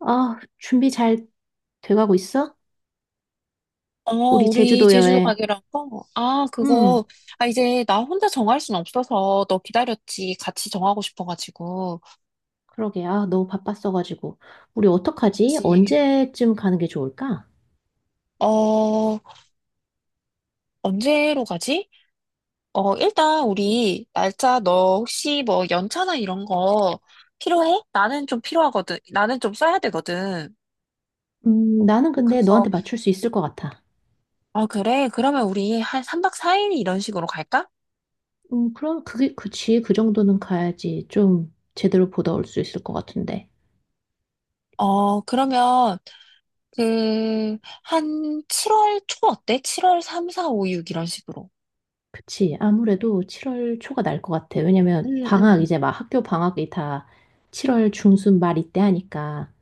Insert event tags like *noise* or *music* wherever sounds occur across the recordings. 아, 준비 잘 돼가고 있어? 우리 우리 제주도 제주도 여행. 가기라고? 아, 음, 그거, 아, 이제 나 혼자 정할 순 없어서 너 기다렸지. 같이 정하고 싶어가지고. 그러게. 아, 너무 바빴어가지고. 우리 어떡하지? 그치. 언제쯤 가는 게 좋을까? 어, 언제로 가지? 일단 우리 날짜 너 혹시 뭐 연차나 이런 거 필요해? 나는 좀 필요하거든. 나는 좀 써야 되거든. 나는 근데 그래서, 너한테 맞출 수 있을 것 같아. 아, 그래? 그러면 우리 한 3박 4일 이런 식으로 갈까? 그럼 그치. 그 정도는 가야지. 좀 제대로 보다 올 수 있을 것 같은데. 그러면, 그, 한 7월 초 어때? 7월 3, 4, 5, 6 이런 식으로. 그치. 아무래도 7월 초가 날 것 같아. 응, 왜냐면 방학, 응, 이제 막 학교 방학이 다 7월 중순 말 이때 하니까.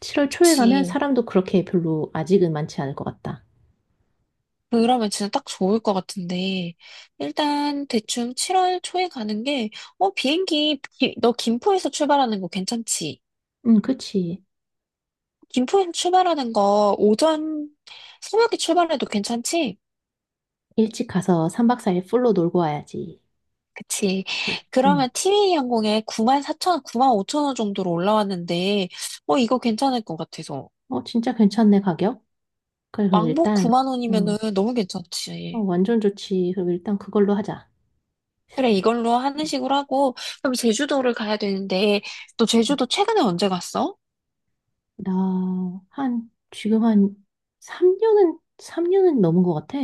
7월 초에 가면 그치. 사람도 그렇게 별로 아직은 많지 않을 것 같다. 그러면 진짜 딱 좋을 것 같은데. 일단 대충 7월 초에 가는 게, 비행기, 너 김포에서 출발하는 거 괜찮지? 응, 그치. 김포에서 출발하는 거 오전 새벽에 출발해도 괜찮지? 일찍 가서 3박 4일 풀로 놀고 와야지. 그치. 응. 그러면 티웨이 항공에 9 4천0원 9 5천원 정도로 올라왔는데, 이거 괜찮을 것 같아서. 어, 진짜 괜찮네, 가격? 그래, 그럼 왕복 일단, 9만 원이면은 어, 너무 어, 괜찮지. 완전 좋지. 그럼 일단 그걸로 하자. 그래, 이걸로 하는 식으로 하고, 그럼 제주도를 가야 되는데, 너 응. 제주도 최근에 언제 갔어? 나, 한, 지금 한 3년은 넘은 것 같아.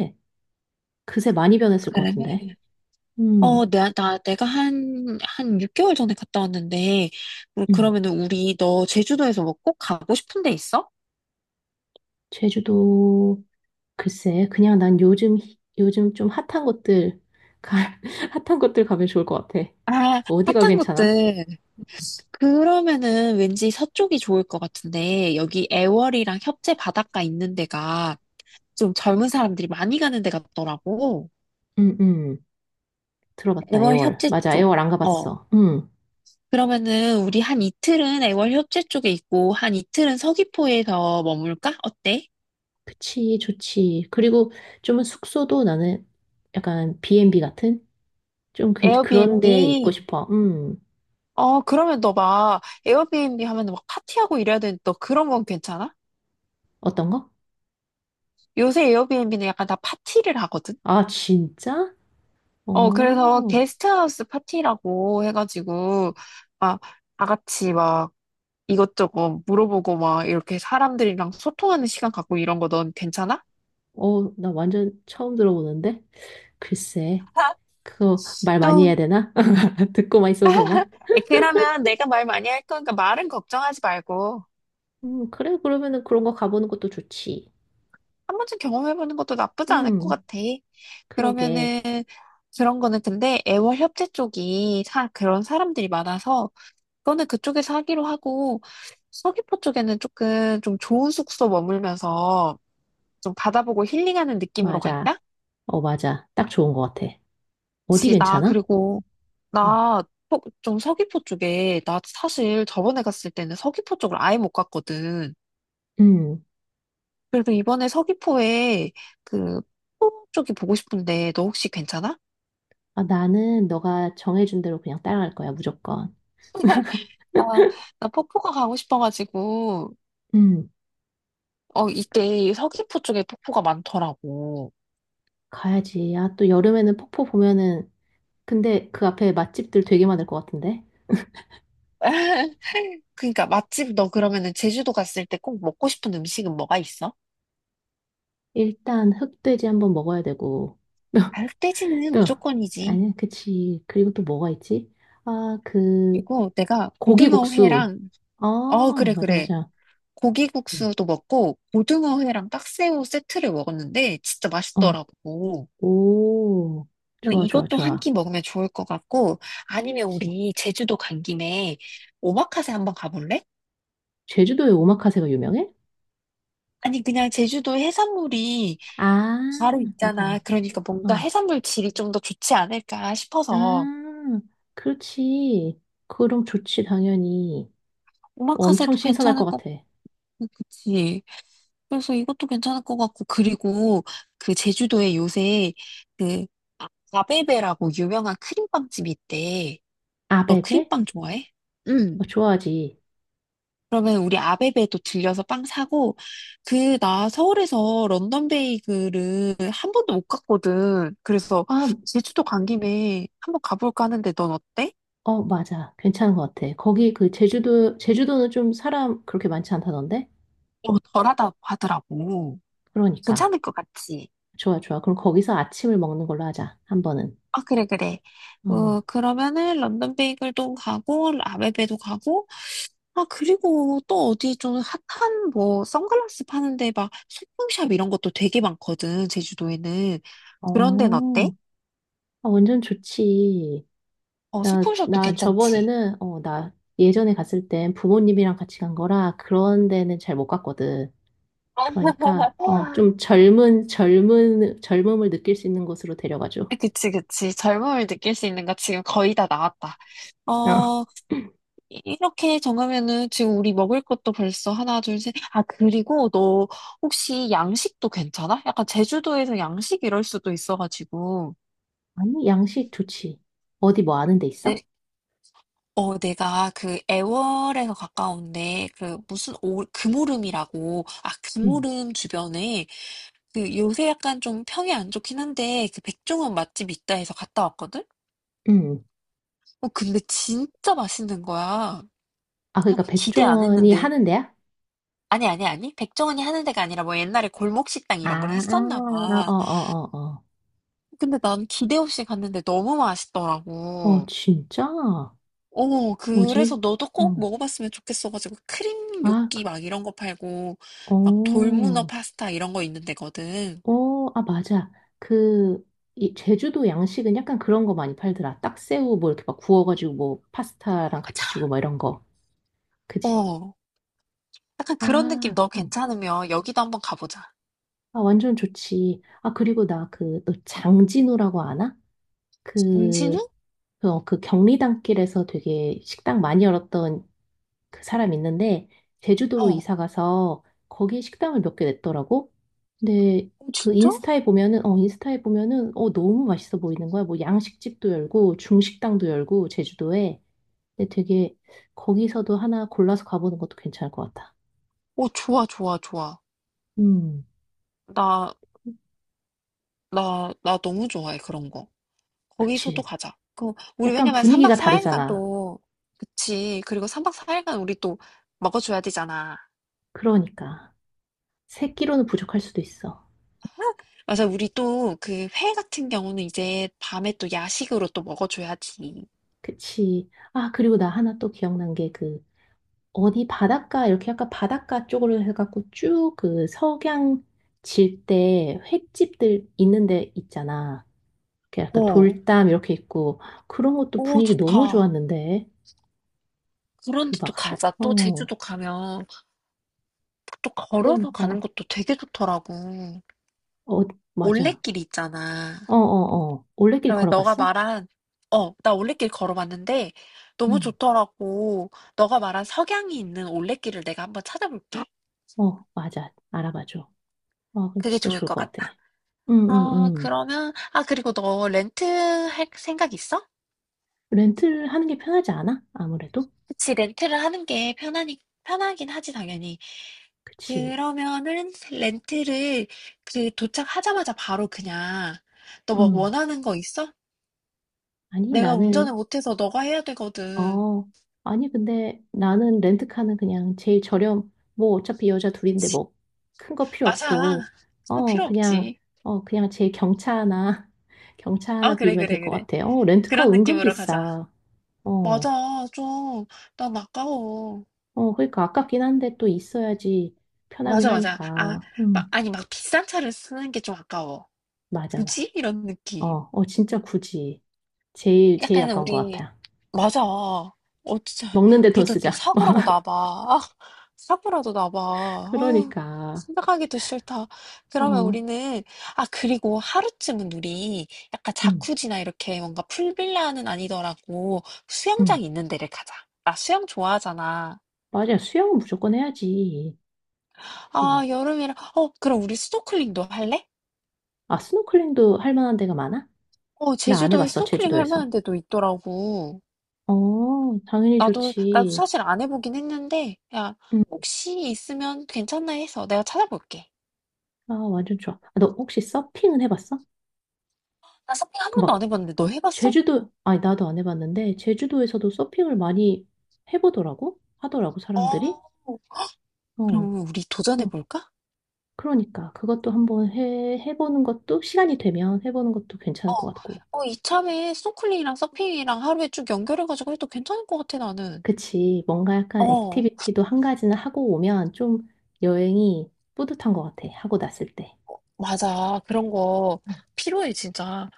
그새 많이 변했을 것 같은데. 그래. 음, 내가 한 6개월 전에 갔다 왔는데, 음. 그러면은 우리 너 제주도에서 뭐 꼭 가고 싶은 데 있어? 제주도, 글쎄, 그냥 난 요즘 좀 핫한 곳들, 가, *laughs* 핫한 곳들 가면 좋을 것 같아. 아, 어디가 핫한 괜찮아? 곳들. 그러면은 왠지 서쪽이 좋을 것 같은데, 여기 애월이랑 협재 바닷가 있는 데가 좀 젊은 사람들이 많이 가는 데 같더라고. 응, 응. 들어봤다, 애월 애월. 협재 맞아, 쪽. 애월 안 어. 가봤어. 응. 그러면은 우리 한 이틀은 애월 협재 쪽에 있고 한 이틀은 서귀포에서 머물까? 어때? 그치, 좋지. 그리고 좀은 숙소도 나는 약간 B&B 같은? 좀 그런 에어비앤비. 데 있고 싶어. 그러면 너 막 에어비앤비 하면 막 파티하고 이래야 되는데 너 그런 건 괜찮아? 어떤 거? 요새 에어비앤비는 약간 다 파티를 하거든? 아, 진짜? 어, 그래서 게스트하우스 파티라고 해가지고 막 다 같이 막 이것저것 물어보고 막 이렇게 사람들이랑 소통하는 시간 갖고 이런 거 넌 괜찮아? 어, 나 완전 처음 들어보는데? 글쎄, 그거 말 많이 좀 해야 되나? *laughs* 듣고만 있어도 되나? 그러면 내가 말 많이 할 거니까 말은 걱정하지 말고 그래, 그러면은 그런 거 가보는 것도 좋지. 한 번쯤 경험해보는 것도 나쁘지 않을 것 음, 같아. 그러게. 그러면은 그런 거는 근데 애월 협재 쪽이 그런 사람들이 많아서 그거는 그쪽에서 하기로 하고 서귀포 쪽에는 조금 좀 좋은 숙소 머물면서 좀 바다보고 힐링하는 느낌으로 맞아. 갈까? 어, 맞아. 딱 좋은 것 같아. 어디 그치, 나 괜찮아? 그리고 나 좀 서귀포 쪽에 나 사실 저번에 갔을 때는 서귀포 쪽을 아예 못 갔거든. 음. 그래서 이번에 서귀포에 그 폭포 쪽이 보고 싶은데 너 혹시 괜찮아? 아, 나는 너가 정해준 대로 그냥 따라갈 거야, 무조건. 나, 나 폭포가 가고 싶어가지고 음. 이때 서귀포 쪽에 폭포가 많더라고. 가야지. 아, 또 여름에는 폭포 보면은, 근데 그 앞에 맛집들 되게 많을 것 같은데? *laughs* 그러니까 맛집 너 그러면은 제주도 갔을 때 꼭 먹고 싶은 음식은 뭐가 있어? 일단 흑돼지 한번 먹어야 되고. *laughs* 알뜰지는 또, 무조건이지. 아니, 그치. 그리고 또 뭐가 있지? 아, 그리고 내가 고기국수. 고등어회랑 어 아, 그래 맞아, 그래 맞아. 네. 고기국수도 먹고 고등어회랑 딱새우 세트를 먹었는데 진짜 어, 맛있더라고. 오, 뭐 좋아, 좋아, 이것도 한 좋아. 끼 먹으면 좋을 것 같고, 아니면 그치. 우리 제주도 간 김에 오마카세 한번 가볼래? 제주도에 오마카세가 유명해? 아니, 그냥 제주도 해산물이 아, 바로 있잖아. 맞아. 그러니까 뭔가 어. 해산물 질이 좀 더 좋지 않을까 싶어서. 아, 그렇지. 그럼 좋지, 당연히. 엄청 오마카세도 신선할 것 괜찮을 것 같아. 같고, 그치? 그래서 이것도 괜찮을 것 같고, 그리고 그 제주도에 요새 그 아베베라고 유명한 크림빵집이 있대. 너 아베베? 크림빵 좋아해? 어, 응. 좋아하지. 그러면 우리 아베베도 들려서 빵 사고, 그, 나 서울에서 런던 베이글을 한 번도 못 갔거든. 그래서 아, 제주도 간 김에 한번 가볼까 하는데 넌 어때? 맞아. 괜찮은 것 같아. 거기 그 제주도는 좀 사람 그렇게 많지 않다던데? 어, 덜하다고 하더라고. 그러니까. 괜찮을 것 같지? 좋아, 좋아. 그럼 거기서 아침을 먹는 걸로 하자. 한 번은. 아, 그래, 그래. 어, 그러면은 런던 베이글도 가고, 아베베도 가고, 아, 그리고 또 어디 좀 핫한 뭐 선글라스 파는데 막 소품샵 이런 것도 되게 많거든, 제주도에는. 그런 데는 어, 어때? 아, 완전 좋지. 어, 소품샵도 괜찮지. 나 예전에 갔을 땐 부모님이랑 같이 간 거라 그런 데는 잘 못 갔거든. 그러니까 좀 젊은 젊은 젊음을 느낄 수 있는 곳으로 데려가줘. 그치, 그치. 젊음을 느낄 수 있는 거 지금 거의 다 나왔다. 어. 어, 이- 렇게 정하면은 지금 우리 먹을 것도 벌써 하나, 둘, 셋. 아, 그리고 너 혹시 양식도 괜찮아? 약간 제주도에서 양식 이럴 수도 있어가지고. 아니 양식 좋지. 어디 뭐 아는 데 있어? 네, 내가 그 애월에서 가까운데 그 무슨 금오름이라고. 아, 응. 금오름 주변에 그 요새 약간 좀 평이 안 좋긴 한데 그 백종원 맛집 있다 해서 갔다 왔거든? 응. 근데 진짜 맛있는 거야. 아 아, 그러니까 기대 안 백종원이 했는데. 하는 데야? 아니, 아니, 아니. 백종원이 하는 데가 아니라 뭐 옛날에 골목식당 아, 이런 걸 했었나 아, 봐. 어, 어, 어, 어. 근데 난 기대 없이 갔는데 너무 어, 맛있더라고. 진짜? 그래서 뭐지? 너도 꼭 응. 먹어봤으면 좋겠어가지고 크림 아, 요끼 막 이런 거 팔고 막 돌문어 어, 파스타 이런 거 있는 데거든. 어, 아, 맞아. 그, 이 제주도 양식은 약간 그런 거 많이 팔더라. 딱새우 뭐 이렇게 막 구워가지고 뭐 파스타랑 같이 맞아. 주고 뭐 이런 거. 그지? 어, 약간 그런 느낌 아, 너 응. 괜찮으면 여기도 한번 가보자. 아, 완전 좋지. 아, 그리고 나 너 장진우라고 아나? 임신우? 그, 그 경리단길에서 되게 식당 많이 열었던 그 사람 있는데, 제주도로 어, 이사 가서 거기 식당을 몇 개 냈더라고? 근데 어, 그 진짜? 인스타에 보면은, 너무 맛있어 보이는 거야. 뭐 양식집도 열고, 중식당도 열고, 제주도에. 근데 되게 거기서도 하나 골라서 가보는 것도 괜찮을 것 같아. 어, 좋아, 좋아, 좋아. 음, 나 나 너무 좋아해, 그런 거. 거기서도 그치. 가자. 그, 우리 약간 왜냐면 3박 분위기가 4일간 다르잖아. 또, 그치. 그리고 3박 4일간 우리 또 먹어줘야 되잖아. 그러니까. 세끼로는 부족할 수도 있어. 맞아, 우리 또 그 회 같은 경우는 이제 밤에 또 야식으로 또 먹어줘야지. 그치. 아, 그리고 나 하나 또 기억난 게 어디 바닷가, 이렇게 약간 바닷가 쪽으로 해갖고 쭉 그 석양 질 때 횟집들 있는 데 있잖아. 그 약간 어, 돌담 이렇게 있고, 그런 것도 오, 분위기 너무 좋다. 좋았는데. 그 그런데 또 막, 가자. 또 제주도 가면 또 걸어서 가는 그러니까. 것도 되게 좋더라고. 어, 맞아. 올레길 있잖아. 어, 어, 어. 올레길 그러면 너가 걸어봤어? 말한 나 올레길 걸어봤는데 너무 응. 좋더라고. 너가 말한 석양이 있는 올레길을 내가 한번 찾아볼게. 어, 맞아. 알아봐줘. 아, 그럼 그게 진짜 좋을 좋을 것 것 같아. 같다. 응, 응, 아, 응. 그러면 아, 그리고 너 렌트 할 생각 있어? 렌트를 하는 게 편하지 않아? 아무래도? 그치, 렌트를 하는 게 편하니 편하긴 하지 당연히. 그치. 그러면은 렌트를 그 도착하자마자 바로 그냥 너 뭐 음. 원하는 거 있어? 아니, 내가 운전을 나는, 못해서 너가 해야 되거든. 어, 아니, 근데 나는 렌트카는 그냥 제일 저렴, 뭐 어차피 여자 둘인데 뭐 큰 거 필요 맞아. 없고, 그거 어, 필요 그냥, 없지. 그냥 제일 경차 하나, *laughs* 경차 아, 하나 그래, 빌리면 될 그래, 것 그래. 같아. 렌트카 그런 은근 느낌으로 가자. 비싸. 맞아, 어, 좀, 난 아까워. 어, 그러니까 아깝긴 한데 또 있어야지 편하긴 맞아, 맞아. 아, 하니까. 막, 아니, 막 비싼 차를 쓰는 게 좀 아까워. 맞아, 맞아. 굳이? 이런 느낌. 어, 어, 진짜 굳이. 제일 약간 아까운 것 우리, 같아. 맞아. 어, 진짜. 먹는데 돈 그러다 또 쓰자. 사고라고 *laughs* 나봐. 아, 사고라도 나봐. 아, 그러니까, 생각하기도 싫다. 그러면 어, 우리는, 아, 그리고 하루쯤은 우리 약간 음, 자쿠지나 이렇게 뭔가 풀빌라는 아니더라고 수영장 음. 있는 데를 가자. 나 수영 좋아하잖아. 맞아. 수영은 무조건 해야지. 예. 아 여름이라 그럼 우리 스노클링도 할래? 아, 스노클링도 할 만한 데가 많아? 어 나 안 제주도에 해봤어, 스노클링 할 만한 제주도에서. 데도 있더라고. 어, 당연히 나도 좋지. 사실 안 해보긴 했는데 야 음. 혹시 있으면 괜찮나 해서 내가 찾아볼게. 아, 완전 좋아. 아, 너 혹시 서핑은 해봤어? 나 서핑 한 그 번도 막, 안 해봤는데 너 해봤어? 제주도, 아니, 나도 안 해봤는데, 제주도에서도 서핑을 많이 해보더라고? 하더라고, 어 사람들이. 어, 그럼 우리 그래서, 도전해볼까? 그러니까, 그것도 한번 해보는 것도, 시간이 되면 해보는 것도 괜찮을 어, 것 같고. 어, 이참에 스노클링이랑 서핑이랑 하루에 쭉 연결해가지고 해도 괜찮을 것 같아, 나는. 그치. 뭔가 약간 어, 액티비티도 한 가지는 하고 오면 좀 여행이 뿌듯한 것 같아. 하고 났을 때. 맞아. 그런 거 음, 필요해, 진짜.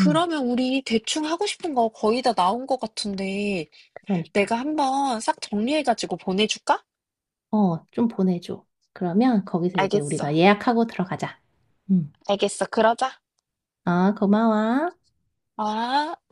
음, 우리 대충 하고 싶은 거 거의 다 나온 것 같은데, 내가 그러니까. 한번 싹 정리해가지고 보내줄까? 어, 좀 보내줘. 그러면 거기서 이제 알겠어. 우리가 예약하고 들어가자. 음. 알겠어. 그러자. 아, 고마워. 아.